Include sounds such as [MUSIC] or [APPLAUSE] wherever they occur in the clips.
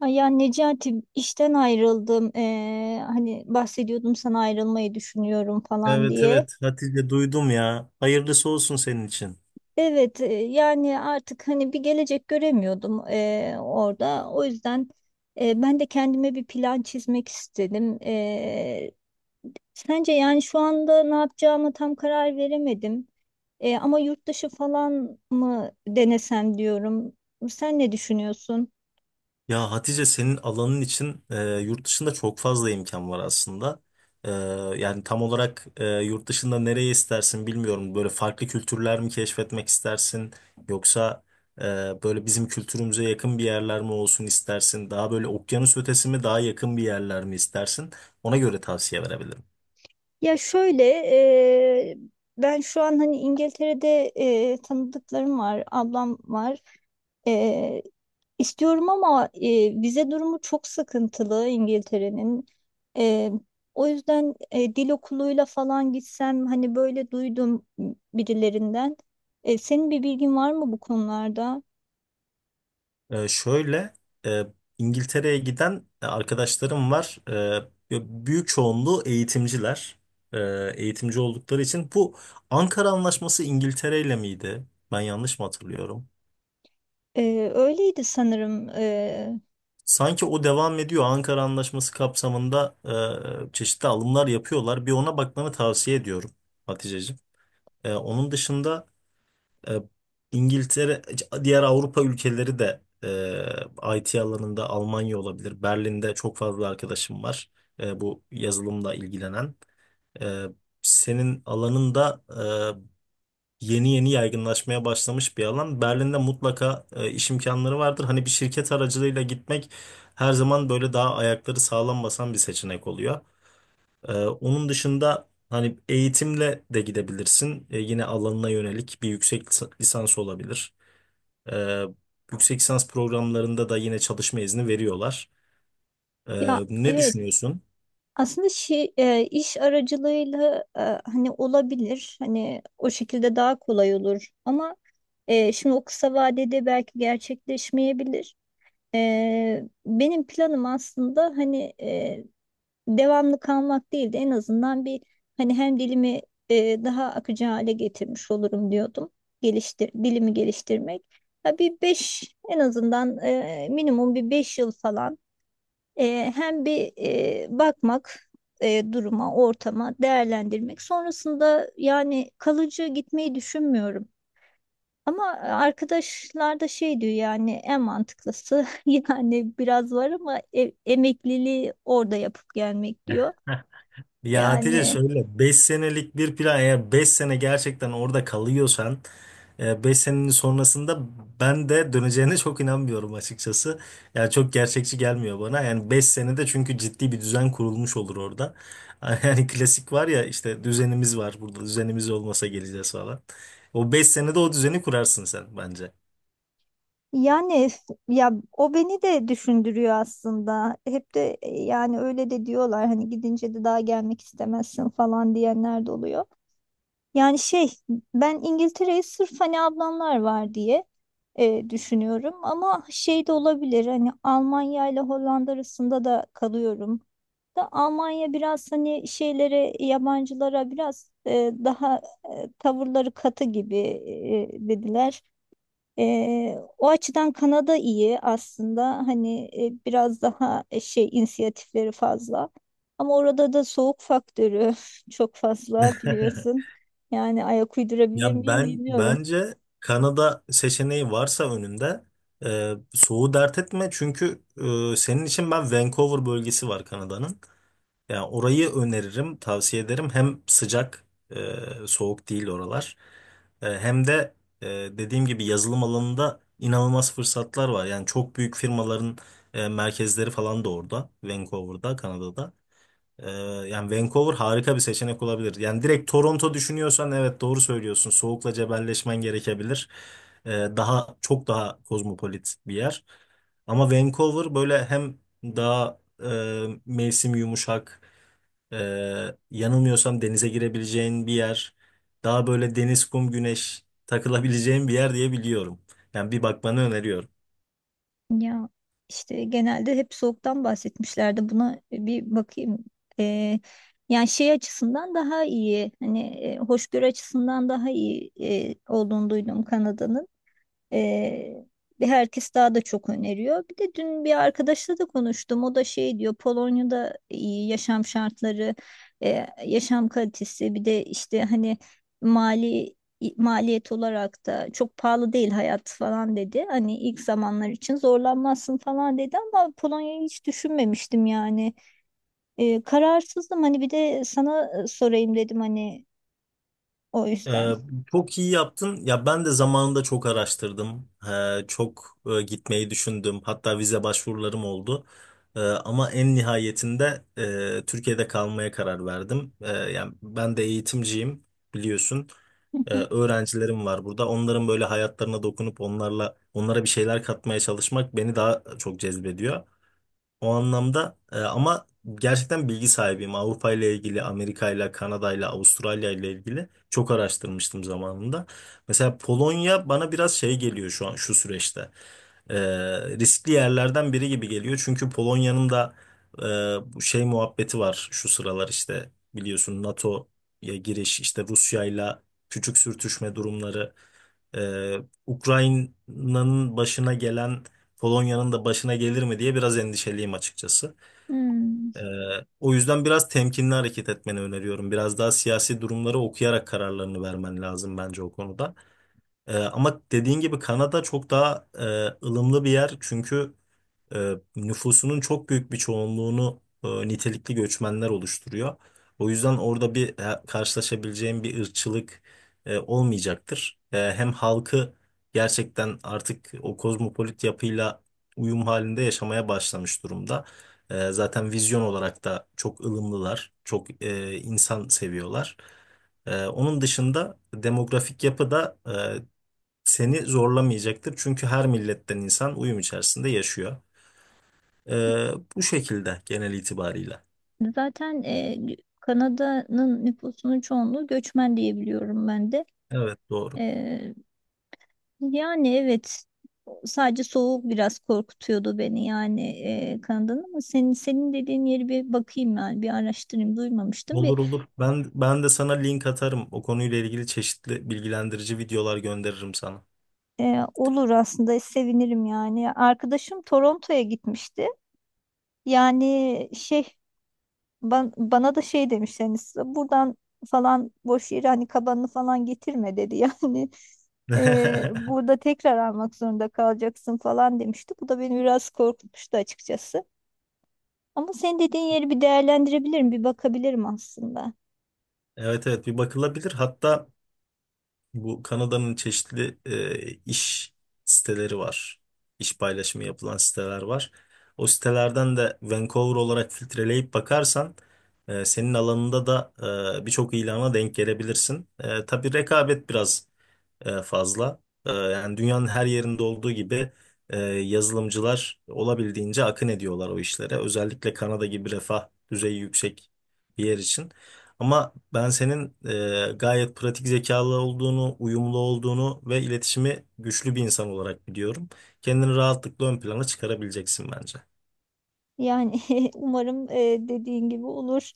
Ay ya Necati işten ayrıldım. Hani bahsediyordum sana ayrılmayı düşünüyorum falan Evet diye. evet Hatice duydum ya. Hayırlısı olsun senin için. Evet, yani artık hani bir gelecek göremiyordum orada. O yüzden ben de kendime bir plan çizmek istedim. Sence yani şu anda ne yapacağımı tam karar veremedim. Ama yurt dışı falan mı denesem diyorum. Sen ne düşünüyorsun? Ya Hatice senin alanın için yurt dışında çok fazla imkan var aslında. E, yani tam olarak yurt dışında nereye istersin bilmiyorum. Böyle farklı kültürler mi keşfetmek istersin? Yoksa e, böyle bizim kültürümüze yakın bir yerler mi olsun istersin? Daha böyle okyanus ötesi mi daha yakın bir yerler mi istersin? Ona göre tavsiye verebilirim. Ya şöyle, e, ben şu an hani İngiltere'de tanıdıklarım var, ablam var. E, istiyorum ama vize durumu çok sıkıntılı İngiltere'nin. E, O yüzden dil okuluyla falan gitsem hani böyle duydum birilerinden. Senin bir bilgin var mı bu konularda? Şöyle e, İngiltere'ye giden arkadaşlarım var. Büyük çoğunluğu eğitimciler. Eğitimci oldukları için bu Ankara Anlaşması İngiltere ile miydi? Ben yanlış mı hatırlıyorum? Öyleydi sanırım. Sanki o devam ediyor. Ankara Anlaşması kapsamında çeşitli alımlar yapıyorlar. Bir ona bakmanı tavsiye ediyorum Haticeciğim. Onun dışında E, İngiltere, diğer Avrupa ülkeleri de IT alanında Almanya olabilir. Berlin'de çok fazla arkadaşım var bu yazılımla ilgilenen. E, senin alanında yeni yeni yaygınlaşmaya başlamış bir alan. Berlin'de mutlaka iş imkanları vardır. Hani bir şirket aracılığıyla gitmek her zaman böyle daha ayakları sağlam basan bir seçenek oluyor. Onun dışında hani eğitimle de gidebilirsin. Yine alanına yönelik bir yüksek lisans olabilir. Ee, yüksek lisans programlarında da yine çalışma izni veriyorlar. Ee, Ya ne evet. düşünüyorsun? Aslında iş aracılığıyla hani olabilir. Hani o şekilde daha kolay olur. Ama şimdi o kısa vadede belki gerçekleşmeyebilir. Benim planım aslında hani devamlı kalmak değil de en azından bir hani hem dilimi daha akıcı hale getirmiş olurum diyordum. Dilimi geliştirmek. Ya bir beş en azından, minimum bir 5 yıl falan. Hem bir bakmak duruma, ortama, değerlendirmek. Sonrasında yani kalıcı gitmeyi düşünmüyorum. Ama arkadaşlar da şey diyor yani en mantıklısı, [LAUGHS] yani biraz var ama emekliliği orada yapıp gelmek diyor. [LAUGHS] Ya Hatice Yani şöyle 5 senelik bir plan, eğer 5 sene gerçekten orada kalıyorsan beş senenin sonrasında ben de döneceğine çok inanmıyorum açıkçası. Yani çok gerçekçi gelmiyor bana. Yani 5 senede çünkü ciddi bir düzen kurulmuş olur orada. [LAUGHS] Yani klasik var ya, işte düzenimiz var burada, düzenimiz olmasa geleceğiz falan. O 5 senede o düzeni kurarsın sen bence. yani ya o beni de düşündürüyor aslında. Hep de yani öyle de diyorlar hani gidince de daha gelmek istemezsin falan diyenler de oluyor. Yani şey, ben İngiltere'yi sırf hani ablamlar var diye düşünüyorum ama şey de olabilir, hani Almanya ile Hollanda arasında da kalıyorum. Da Almanya biraz hani şeylere, yabancılara biraz daha tavırları katı gibi dediler. O açıdan Kanada iyi aslında hani biraz daha şey, inisiyatifleri fazla ama orada da soğuk faktörü [LAUGHS] çok fazla [LAUGHS] biliyorsun, yani ayak uydurabilir Ya miyim ben bilmiyorum. bence Kanada seçeneği varsa önünde soğuğu dert etme, çünkü senin için ben Vancouver bölgesi var Kanada'nın. Yani orayı öneririm, tavsiye ederim. Hem sıcak, soğuk değil oralar. Hem de dediğim gibi yazılım alanında inanılmaz fırsatlar var. Yani çok büyük firmaların merkezleri falan da orada, Vancouver'da, Kanada'da. Ee, yani Vancouver harika bir seçenek olabilir. Yani direkt Toronto düşünüyorsan evet doğru söylüyorsun. Soğukla cebelleşmen gerekebilir. Daha çok daha kozmopolit bir yer. Ama Vancouver böyle hem daha mevsim yumuşak, e, yanılmıyorsam denize girebileceğin bir yer. Daha böyle deniz, kum, güneş takılabileceğin bir yer diye biliyorum. Yani bir bakmanı öneriyorum. Ya işte genelde hep soğuktan bahsetmişlerdi, buna bir bakayım. Ee, Yani şey açısından daha iyi, hani hoşgörü açısından daha iyi olduğunu duydum Kanada'nın. Ee, Bir herkes daha da çok öneriyor. Bir de dün bir arkadaşla da konuştum. O da şey diyor, Polonya'da iyi yaşam şartları, yaşam kalitesi, bir de işte hani mali maliyet olarak da çok pahalı değil hayat falan dedi. Hani ilk zamanlar için zorlanmazsın falan dedi ama Polonya'yı hiç düşünmemiştim yani. Kararsızdım, hani bir de sana sorayım dedim hani, o yüzden. Ee, çok iyi yaptın. Ya ben de zamanında çok araştırdım. Çok gitmeyi düşündüm. Hatta vize başvurularım oldu. Ama en nihayetinde Türkiye'de kalmaya karar verdim. Yani ben de eğitimciyim biliyorsun. Ee, [LAUGHS] öğrencilerim var burada. Onların böyle hayatlarına dokunup onlarla onlara bir şeyler katmaya çalışmak beni daha çok cezbediyor. O anlamda, ama gerçekten bilgi sahibiyim. Avrupa ile ilgili, Amerika ile, Kanada ile, Avustralya ile ilgili çok araştırmıştım zamanında. Mesela Polonya bana biraz şey geliyor şu an şu süreçte. E, riskli yerlerden biri gibi geliyor. Çünkü Polonya'nın da bu şey muhabbeti var şu sıralar, işte biliyorsun, NATO'ya giriş, işte Rusya ile küçük sürtüşme durumları. Ee, Ukrayna'nın başına gelen Polonya'nın da başına gelir mi diye biraz endişeliyim açıkçası. Hmm. Ee, o yüzden biraz temkinli hareket etmeni öneriyorum. Biraz daha siyasi durumları okuyarak kararlarını vermen lazım bence o konuda. Ama dediğin gibi Kanada çok daha ılımlı bir yer, çünkü nüfusunun çok büyük bir çoğunluğunu nitelikli göçmenler oluşturuyor. O yüzden orada bir karşılaşabileceğim bir ırkçılık olmayacaktır. Hem halkı gerçekten artık o kozmopolit yapıyla uyum halinde yaşamaya başlamış durumda. Zaten vizyon olarak da çok ılımlılar, çok insan seviyorlar. Onun dışında demografik yapı da seni zorlamayacaktır. Çünkü her milletten insan uyum içerisinde yaşıyor. Bu şekilde genel itibarıyla. Zaten Kanada'nın nüfusunun çoğunluğu göçmen diye biliyorum ben de. Evet doğru. E, Yani evet, sadece soğuk biraz korkutuyordu beni yani, Kanada'nın, ama senin dediğin yeri bir bakayım yani, bir araştırayım, duymamıştım. Bir Olur olur. Ben de sana link atarım. O konuyla ilgili çeşitli bilgilendirici videolar gönderirim sana. Olur aslında, sevinirim yani. Arkadaşım Toronto'ya gitmişti. Yani şey, bana da şey demişler yani, size buradan falan boş yere hani kabanını falan getirme dedi. [LAUGHS] Yani [LAUGHS] burada tekrar almak zorunda kalacaksın falan demişti. Bu da beni biraz korkutmuştu açıkçası. Ama senin dediğin yeri bir değerlendirebilirim, bir bakabilirim aslında. Evet evet bir bakılabilir. Hatta bu Kanada'nın çeşitli iş siteleri var. İş paylaşımı yapılan siteler var. O sitelerden de Vancouver olarak filtreleyip bakarsan senin alanında da birçok ilana denk gelebilirsin. Tabii rekabet biraz fazla. Yani dünyanın her yerinde olduğu gibi yazılımcılar olabildiğince akın ediyorlar o işlere. Özellikle Kanada gibi refah düzeyi yüksek bir yer için. Ama ben senin gayet pratik zekalı olduğunu, uyumlu olduğunu ve iletişimi güçlü bir insan olarak biliyorum. Kendini rahatlıkla ön plana çıkarabileceksin bence. Yani [LAUGHS] umarım dediğin gibi olur.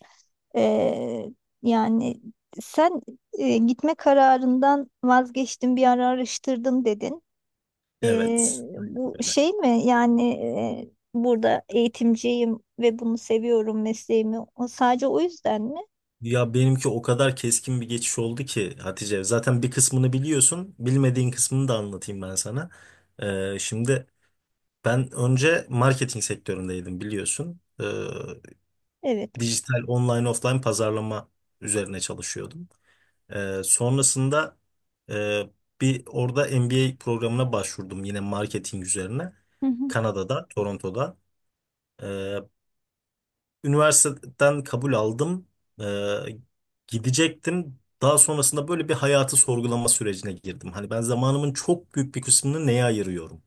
Ee, Yani sen gitme kararından vazgeçtin, bir ara araştırdın dedin. Ee, Evet, aynen Bu öyle. şey mi yani, burada eğitimciyim ve bunu seviyorum mesleğimi. Sadece o yüzden mi? Ya benimki o kadar keskin bir geçiş oldu ki Hatice. Zaten bir kısmını biliyorsun. Bilmediğin kısmını da anlatayım ben sana. Şimdi ben önce marketing sektöründeydim biliyorsun. Ee, Evet. dijital online offline pazarlama üzerine çalışıyordum. Sonrasında e, bir orada MBA programına başvurdum yine marketing üzerine. Hı hı. Kanada'da, Toronto'da. Ee, Üniversiteden kabul aldım. Ee, gidecektim. Daha sonrasında böyle bir hayatı sorgulama sürecine girdim. Hani ben zamanımın çok büyük bir kısmını neye ayırıyorum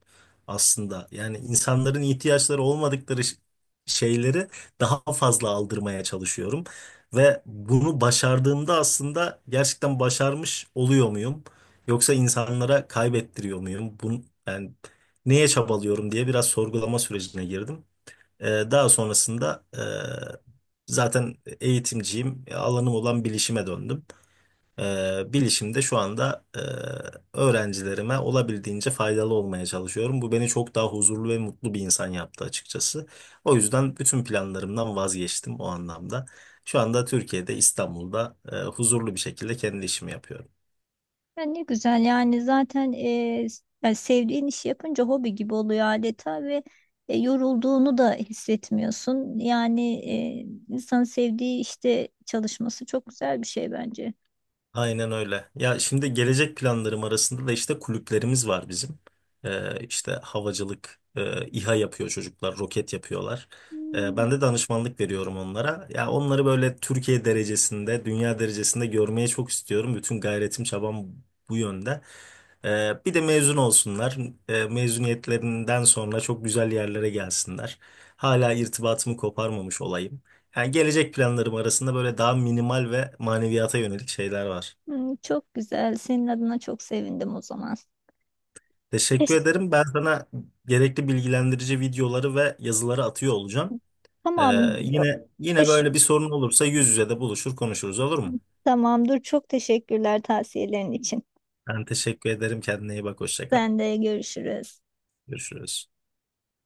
aslında? Yani insanların ihtiyaçları olmadıkları şeyleri daha fazla aldırmaya çalışıyorum. Ve bunu başardığımda aslında gerçekten başarmış oluyor muyum? Yoksa insanlara kaybettiriyor muyum bunu? Yani neye çabalıyorum diye biraz sorgulama sürecine girdim. Ee, daha sonrasında zaten eğitimciyim. Alanım olan bilişime döndüm. Bilişimde şu anda öğrencilerime olabildiğince faydalı olmaya çalışıyorum. Bu beni çok daha huzurlu ve mutlu bir insan yaptı açıkçası. O yüzden bütün planlarımdan vazgeçtim o anlamda. Şu anda Türkiye'de, İstanbul'da huzurlu bir şekilde kendi işimi yapıyorum. Ya ne güzel yani, zaten yani sevdiğin işi yapınca hobi gibi oluyor adeta ve yorulduğunu da hissetmiyorsun. Yani insanın sevdiği işte çalışması çok güzel bir şey bence. Aynen öyle. Ya şimdi gelecek planlarım arasında da işte kulüplerimiz var bizim. İşte havacılık, İHA yapıyor çocuklar, roket yapıyorlar. Ee, Hmm. ben de danışmanlık veriyorum onlara. Ya onları böyle Türkiye derecesinde, dünya derecesinde görmeye çok istiyorum. Bütün gayretim, çabam bu yönde. Bir de mezun olsunlar. Mezuniyetlerinden sonra çok güzel yerlere gelsinler. Hala irtibatımı koparmamış olayım. Yani gelecek planlarım arasında böyle daha minimal ve maneviyata yönelik şeyler var. Hmm. Çok güzel. Senin adına çok sevindim o zaman. Teşekkür Teş- ederim. Ben sana gerekli bilgilendirici videoları ve yazıları atıyor olacağım. Ee, Tamam. o- yine o yine ş- böyle bir sorun olursa yüz yüze de buluşur konuşuruz, olur mu? Tamam, dur. Çok teşekkürler tavsiyelerin için. Ben teşekkür ederim. Kendine iyi bak. Hoşça kal. Ben de görüşürüz. Görüşürüz.